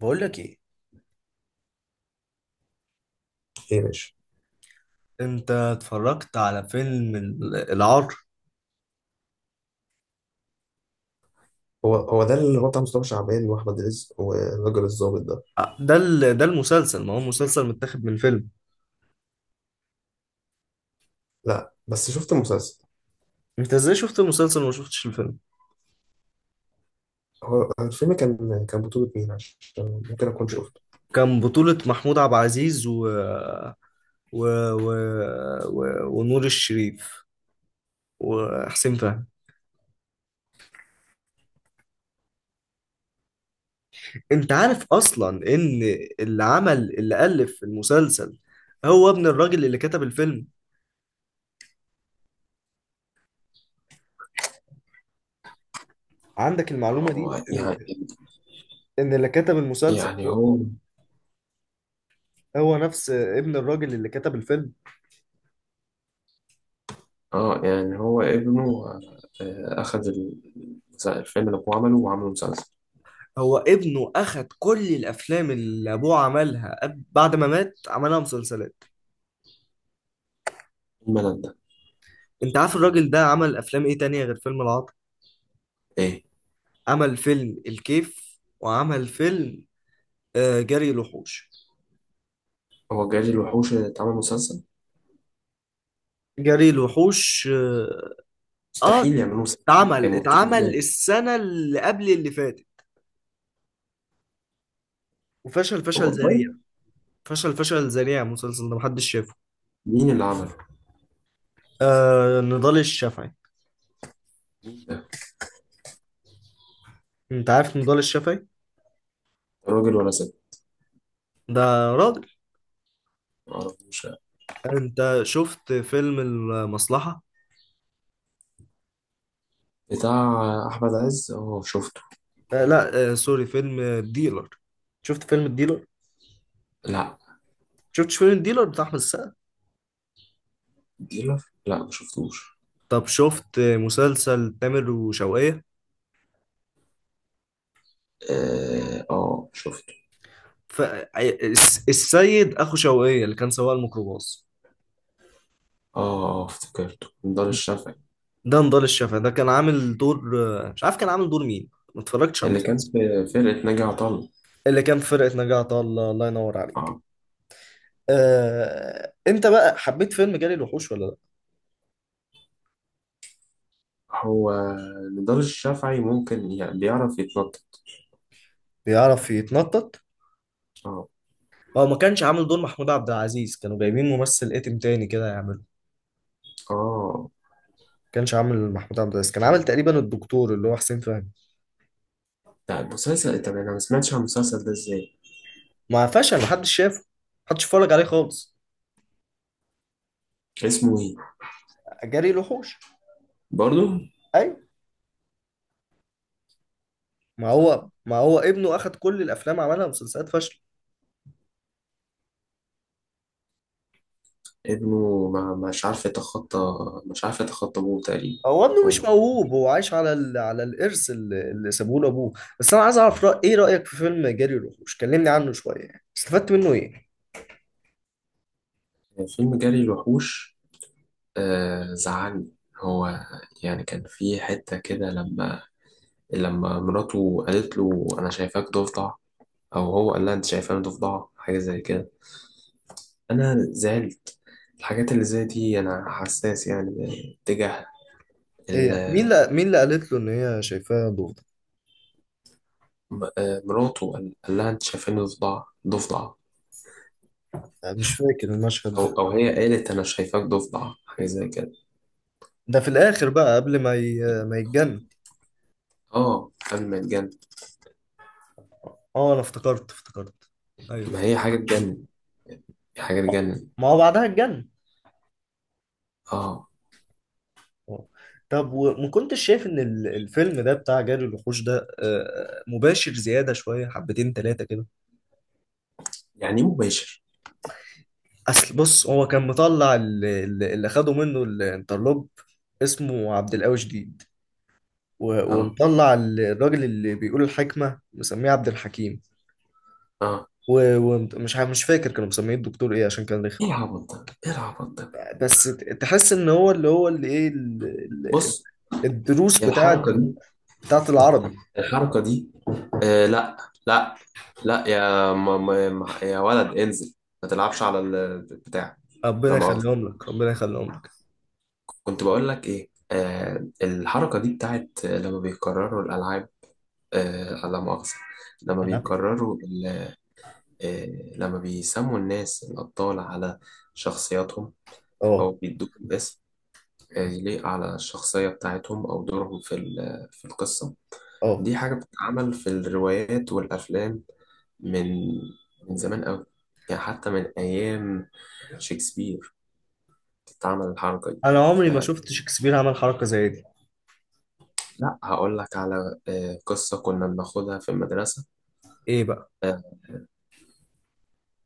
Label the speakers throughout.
Speaker 1: بقول لك ايه.
Speaker 2: ايه، ماشي.
Speaker 1: انت اتفرجت على فيلم العار؟
Speaker 2: هو ده اللي هو بتاع مصطفى شعبان واحمد رزق والراجل الظابط ده.
Speaker 1: آه، ده المسلسل، ما هو مسلسل متاخد من فيلم.
Speaker 2: لا، بس شفت المسلسل.
Speaker 1: انت ازاي شفت المسلسل وما شفتش الفيلم؟
Speaker 2: هو الفيلم كان بطولة مين عشان ممكن اكون
Speaker 1: ك-
Speaker 2: شفته؟
Speaker 1: كان بطولة محمود عبد العزيز و... و... و... ونور الشريف وحسين فهمي. انت عارف اصلا ان اللي عمل اللي الف المسلسل هو ابن الراجل اللي كتب الفيلم. عندك المعلومة دي،
Speaker 2: هو يعني،
Speaker 1: إن اللي كتب المسلسل
Speaker 2: يعني هو،
Speaker 1: هو نفس ابن الراجل اللي كتب الفيلم.
Speaker 2: اه يعني هو ابنه. آه، الفيلم اللي هو عمله وعمله مسلسل.
Speaker 1: هو ابنه اخد كل الافلام اللي ابوه عملها، بعد ما مات عملها مسلسلات.
Speaker 2: الملل ده.
Speaker 1: انت عارف الراجل ده عمل افلام ايه تانية غير فيلم العطار؟
Speaker 2: إيه؟
Speaker 1: عمل فيلم الكيف، وعمل فيلم جري الوحوش.
Speaker 2: هو جاي الوحوش اللي اتعمل مسلسل؟
Speaker 1: جري الوحوش، اه. آه،
Speaker 2: مستحيل يعملوه مسلسل.
Speaker 1: اتعمل
Speaker 2: هيمطوه
Speaker 1: اتعمل
Speaker 2: إزاي؟
Speaker 1: السنة اللي قبل اللي فاتت، وفشل فشل
Speaker 2: والله.
Speaker 1: ذريع. فشل فشل ذريع، المسلسل ده محدش شافه.
Speaker 2: مين اللي عمله؟
Speaker 1: آه، نضال الشافعي.
Speaker 2: مين ده؟
Speaker 1: انت عارف نضال الشافعي؟
Speaker 2: راجل ولا ست؟
Speaker 1: ده راجل.
Speaker 2: معرفوش.
Speaker 1: انت شفت فيلم المصلحة؟
Speaker 2: بتاع أحمد عز؟ اه، شفته.
Speaker 1: آه لا آه سوري، فيلم الديلر. شفت فيلم الديلر؟
Speaker 2: لا.
Speaker 1: شفتش فيلم الديلر بتاع احمد السقا؟
Speaker 2: ديلر؟ لا، ما شفتوش.
Speaker 1: طب شفت مسلسل تامر وشوقية؟
Speaker 2: اه، آه، شفته.
Speaker 1: ف آه، السيد اخو شوقية اللي كان سواق الميكروباص،
Speaker 2: اه، آه، افتكرته نضال الشافعي.
Speaker 1: ده نضال الشافعي. ده كان عامل دور. مش عارف كان عامل دور مين، ما اتفرجتش على
Speaker 2: اللي
Speaker 1: المسلسل.
Speaker 2: كان في فرقة ناجي عطا الله.
Speaker 1: اللي كان في فرقة نجاة عطا الله، الله ينور عليك.
Speaker 2: اه.
Speaker 1: انت بقى حبيت فيلم جري الوحوش ولا لا؟
Speaker 2: هو نضال الشافعي ممكن بيعرف يتنطط.
Speaker 1: بيعرف يتنطط.
Speaker 2: اه.
Speaker 1: هو ما كانش عامل دور محمود عبد العزيز، كانوا جايبين ممثل اتم تاني كده يعمله.
Speaker 2: اه،
Speaker 1: كانش عامل محمود عبد العزيز، كان عامل تقريبا الدكتور اللي هو حسين فهمي.
Speaker 2: لا المسلسل. طب انا ما سمعتش عن المسلسل ده ازاي؟
Speaker 1: ما فشل، محدش شافه، محدش اتفرج عليه خالص.
Speaker 2: اسمه ايه؟
Speaker 1: جري الوحوش.
Speaker 2: برضو؟
Speaker 1: ايوه. ما هو ابنه اخد كل الافلام، عملها مسلسلات فاشله.
Speaker 2: ابنه ما مش عارف يتخطى، مش عارف يتخطى ابوه تقريبا.
Speaker 1: هو ابنه
Speaker 2: هو-
Speaker 1: مش
Speaker 2: مش-
Speaker 1: موهوب، هو عايش على على الارث اللي سابوه له ابوه. بس انا عايز اعرف ايه رايك في فيلم جري الوحوش؟ كلمني عنه شويه، يعني استفدت منه ايه؟
Speaker 2: فيلم جري الوحوش. آه، زعلني. هو يعني كان في حتة كده لما مراته قالت له انا شايفاك ضفدع، او هو قال لها انت شايفاني ضفدع، حاجه زي كده. انا زعلت. الحاجات اللي زي دي انا حساس يعني تجاه
Speaker 1: هي مين
Speaker 2: ال-
Speaker 1: اللي مين اللي قالت له ان هي شايفاه ضوضاء؟
Speaker 2: مراته قال لها انت شايفاني ضفدع، ضفدع.
Speaker 1: أنا مش فاكر المشهد
Speaker 2: او
Speaker 1: ده.
Speaker 2: او هي قالت انا شايفاك ضفدع، حاجه زي كده.
Speaker 1: ده في الاخر بقى قبل ما ما يتجنن.
Speaker 2: اه، قبل ما يتجنن.
Speaker 1: اه انا افتكرت افتكرت. ايوه.
Speaker 2: ما هي حاجه تجنن، هي حاجه تجنن.
Speaker 1: ما هو بعدها اتجنن.
Speaker 2: اه.
Speaker 1: آه. طب وما كنتش شايف ان الفيلم ده بتاع جري الوحوش ده مباشر زياده شويه، حبتين ثلاثه كده؟
Speaker 2: يعني إيه مباشر؟
Speaker 1: اصل بص، هو كان مطلع اللي خده منه الانترلوب اسمه عبد القوي شديد،
Speaker 2: اه.
Speaker 1: ومطلع الراجل اللي بيقول الحكمه مسميه عبد الحكيم،
Speaker 2: اه.
Speaker 1: ومش مش فاكر كانوا مسميه الدكتور ايه عشان كان رخم.
Speaker 2: ايه العبط ده، ايه العبط ده؟
Speaker 1: بس تحس ان هو اللي ايه ال-
Speaker 2: بص.
Speaker 1: الدروس
Speaker 2: هي
Speaker 1: بتاعت
Speaker 2: الحركه دي،
Speaker 1: بتاعت العربي.
Speaker 2: الحركه دي. آه، لا. لا. لا يا يا ولد انزل، ما تلعبش على البتاع. لا
Speaker 1: ربنا
Speaker 2: مؤاخذة.
Speaker 1: يخليهم لك، ربنا يخليهم لك.
Speaker 2: كنت بقول لك ايه؟ آه، الحركة دي بتاعت لما بيكرروا الألعاب. آه، لا مؤاخذة. لما
Speaker 1: انا
Speaker 2: بيكرروا ال- آه لما بيسموا الناس الأبطال على شخصياتهم،
Speaker 1: اه
Speaker 2: أو بيدوهم اسم آه، يليق على الشخصية بتاعتهم أو دورهم في القصة.
Speaker 1: اه
Speaker 2: دي حاجة بتتعمل في الروايات والأفلام من زمان أوي. يعني حتى من أيام شكسبير بتتعمل الحركة دي.
Speaker 1: انا عمري ما
Speaker 2: فلا،
Speaker 1: شفت شكسبير عمل حركه زي دي.
Speaker 2: هقول لك على آه، قصة كنا بناخدها في المدرسة.
Speaker 1: ايه بقى؟
Speaker 2: آه،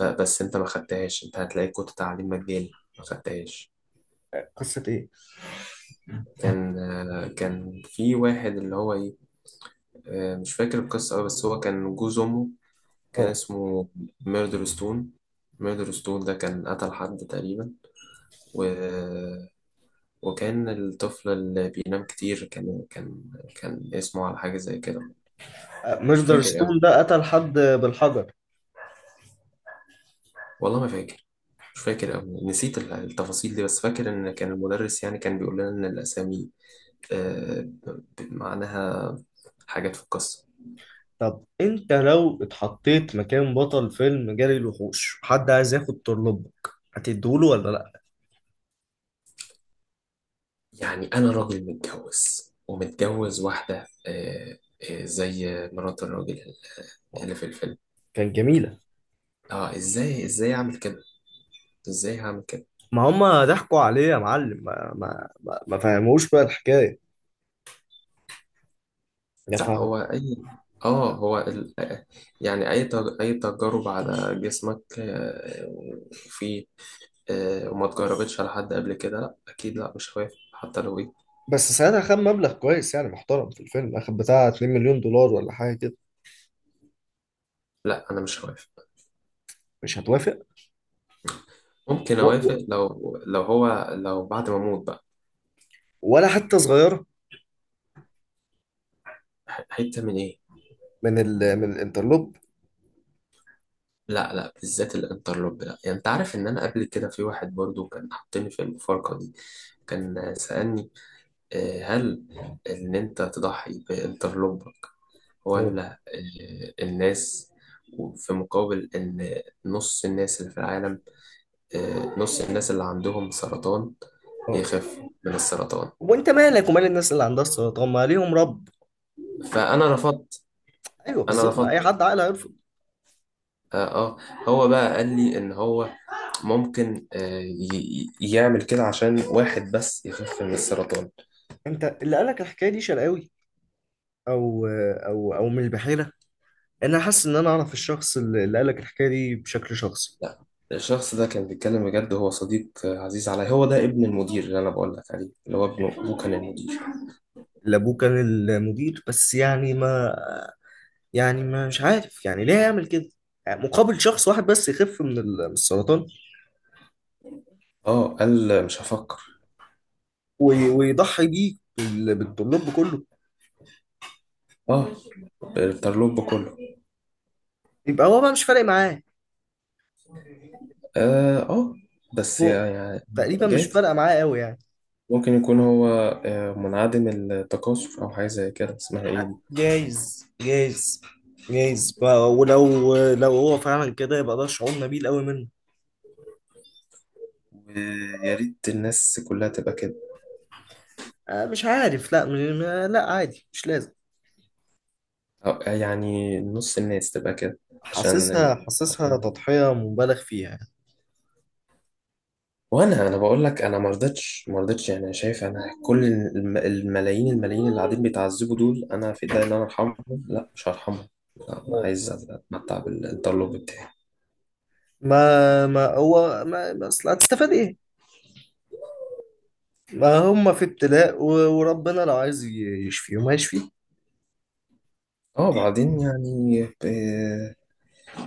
Speaker 2: بس أنت ما خدتهاش، أنت هتلاقي كنت تعليم مجاني ما خدتهاش.
Speaker 1: قصه ايه؟
Speaker 2: كان آه، كان في واحد اللي هو إيه، آه، مش فاكر القصة أوي، بس هو كان جوز أمه. كان
Speaker 1: اه،
Speaker 2: اسمه ميردر ستون. ميردر ستون ده كان قتل حد تقريبا. و وكان الطفل اللي بينام كتير كان كان اسمه على حاجة زي كده. مش
Speaker 1: ميردر
Speaker 2: فاكر
Speaker 1: ستون
Speaker 2: أوي،
Speaker 1: ده قتل حد بالحجر؟
Speaker 2: والله ما فاكر. مش فاكر أوي، نسيت التفاصيل دي، بس فاكر إن كان المدرس يعني كان بيقول لنا إن الأسامي آه، معناها حاجات في القصة.
Speaker 1: طب انت لو اتحطيت مكان بطل فيلم جري الوحوش، حد عايز ياخد طرلبك، هتديهوله ولا لا؟
Speaker 2: يعني أنا راجل متجوز، ومتجوز واحدة آه، آه، زي مرات الراجل
Speaker 1: آه.
Speaker 2: اللي في الفيلم.
Speaker 1: كان جميلة.
Speaker 2: اه، ازاي، ازاي اعمل كده، ازاي هعمل كده؟
Speaker 1: ما هم ضحكوا عليه يا معلم، ما فهموش بقى الحكاية، يا
Speaker 2: لا
Speaker 1: فاهم.
Speaker 2: هو أي آه، هو ال... يعني أي تجارب على جسمك آه، وفي آه، وما اتجربتش على حد قبل كده؟ لا أكيد، لا مش هوافق حتى لو إيه.
Speaker 1: بس ساعتها خد مبلغ كويس يعني محترم، في الفيلم اخد بتاع 2 مليون دولار ولا حاجه كده.
Speaker 2: لا أنا مش هوافق.
Speaker 1: مش هتوافق؟
Speaker 2: ممكن
Speaker 1: و... و...
Speaker 2: أوافق لو هو لو بعد ما أموت بقى.
Speaker 1: ولا حتى صغيرة
Speaker 2: حتة من إيه؟
Speaker 1: من من الانترلوب؟
Speaker 2: لا، لا بالذات الانترلوب لا. يعني أنت عارف إن أنا قبل كده في واحد برضو كان حاطني في المفارقة دي؟ كان سألني آه، هل إن أنت تضحي بانترلوب
Speaker 1: اه،
Speaker 2: الناس؟ وفي مقابل إن نص الناس اللي في العالم آه، نص الناس اللي عندهم سرطان
Speaker 1: اه.
Speaker 2: يخفوا من السرطان.
Speaker 1: وانت مالك ومال الناس اللي عندها السرطان؟ ما ليهم رب.
Speaker 2: فأنا رفضت،
Speaker 1: ايوه
Speaker 2: أنا
Speaker 1: بالظبط، ما اي
Speaker 2: رفضت.
Speaker 1: حد عاقل هيرفض.
Speaker 2: آه, آه. هو بقى قال لي إن هو ممكن آه يعمل كده عشان واحد بس يخف من السرطان.
Speaker 1: انت اللي قالك الحكايه دي شرقاوي، او من البحيره؟ انا حاسس ان انا اعرف الشخص اللي قالك الحكايه دي بشكل شخصي.
Speaker 2: لا. الشخص ده كان بيتكلم بجد، هو صديق آه، عزيز عليا. هو ده ابن المدير اللي أنا بقول لك عليه، اللي هو ابنه، أبوه كان المدير.
Speaker 1: اللي ابوه كان المدير؟ بس يعني ما، يعني ما، مش عارف يعني ليه يعمل كده. يعني مقابل شخص واحد بس يخف من من السرطان؟
Speaker 2: اه، قال مش هفكر.
Speaker 1: ويضحي بيه بالطلاب كله.
Speaker 2: اه، الترلوب كله.
Speaker 1: يبقى هو بقى مش فارق معاه.
Speaker 2: اه، آه، بس
Speaker 1: هو
Speaker 2: يعني
Speaker 1: تقريبا مش
Speaker 2: جايز.
Speaker 1: فارقه معاه قوي يعني.
Speaker 2: ممكن يكون هو آه، منعدم التكاثر او حاجه زي كده، اسمها ايه دي؟
Speaker 1: جايز، جايز، جايز بقى. ولو هو فعلا كده، يبقى ده شعور نبيل قوي منه.
Speaker 2: ويا ريت الناس كلها تبقى كده.
Speaker 1: آه، مش عارف، لا لا، عادي، مش لازم.
Speaker 2: أو آه، يعني نص الناس تبقى كده. عشان،
Speaker 1: حاسسها
Speaker 2: عشان،
Speaker 1: تضحية مبالغ فيها يعني.
Speaker 2: وانا بقول لك انا ما رضيتش، ما رضيتش. يعني شايف انا كل الملايين اللي قاعدين بيتعذبوا دول انا في ايدي ان انا ارحمهم، لا مش هرحمهم. لا، انا
Speaker 1: آه.
Speaker 2: عايز اتمتع بالتطلب بتاعي.
Speaker 1: ما ما هو ما ما اصل هتستفاد ايه؟ ما هم في ابتلاء، وربنا لو عايز يشفيهم هيشفيه.
Speaker 2: اه بعدين يعني آه،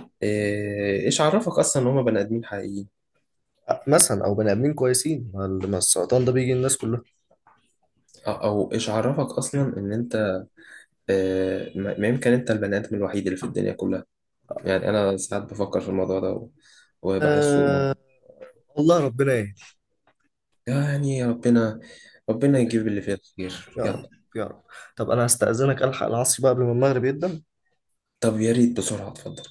Speaker 2: إيه- ايش عرفك اصلا ان هما بني ادمين حقيقيين؟
Speaker 1: آه، مثلا، او بني ادمين كويسين، ما ما السرطان ده بيجي الناس كلها.
Speaker 2: او أو ايش عرفك اصلا ان انت آه، ما يمكن انت البني ادم الوحيد اللي في الدنيا كلها؟ يعني انا ساعات بفكر في الموضوع ده وبحسه
Speaker 1: أه... والله ربنا يهدي.
Speaker 2: يعني ربنا، ربنا يجيب اللي فيه الخير،
Speaker 1: يا رب،
Speaker 2: يلا.
Speaker 1: يا رب. طب انا هستأذنك الحق العصر بقى قبل ما المغرب يبدأ.
Speaker 2: طب يا ريت بسرعة، اتفضل.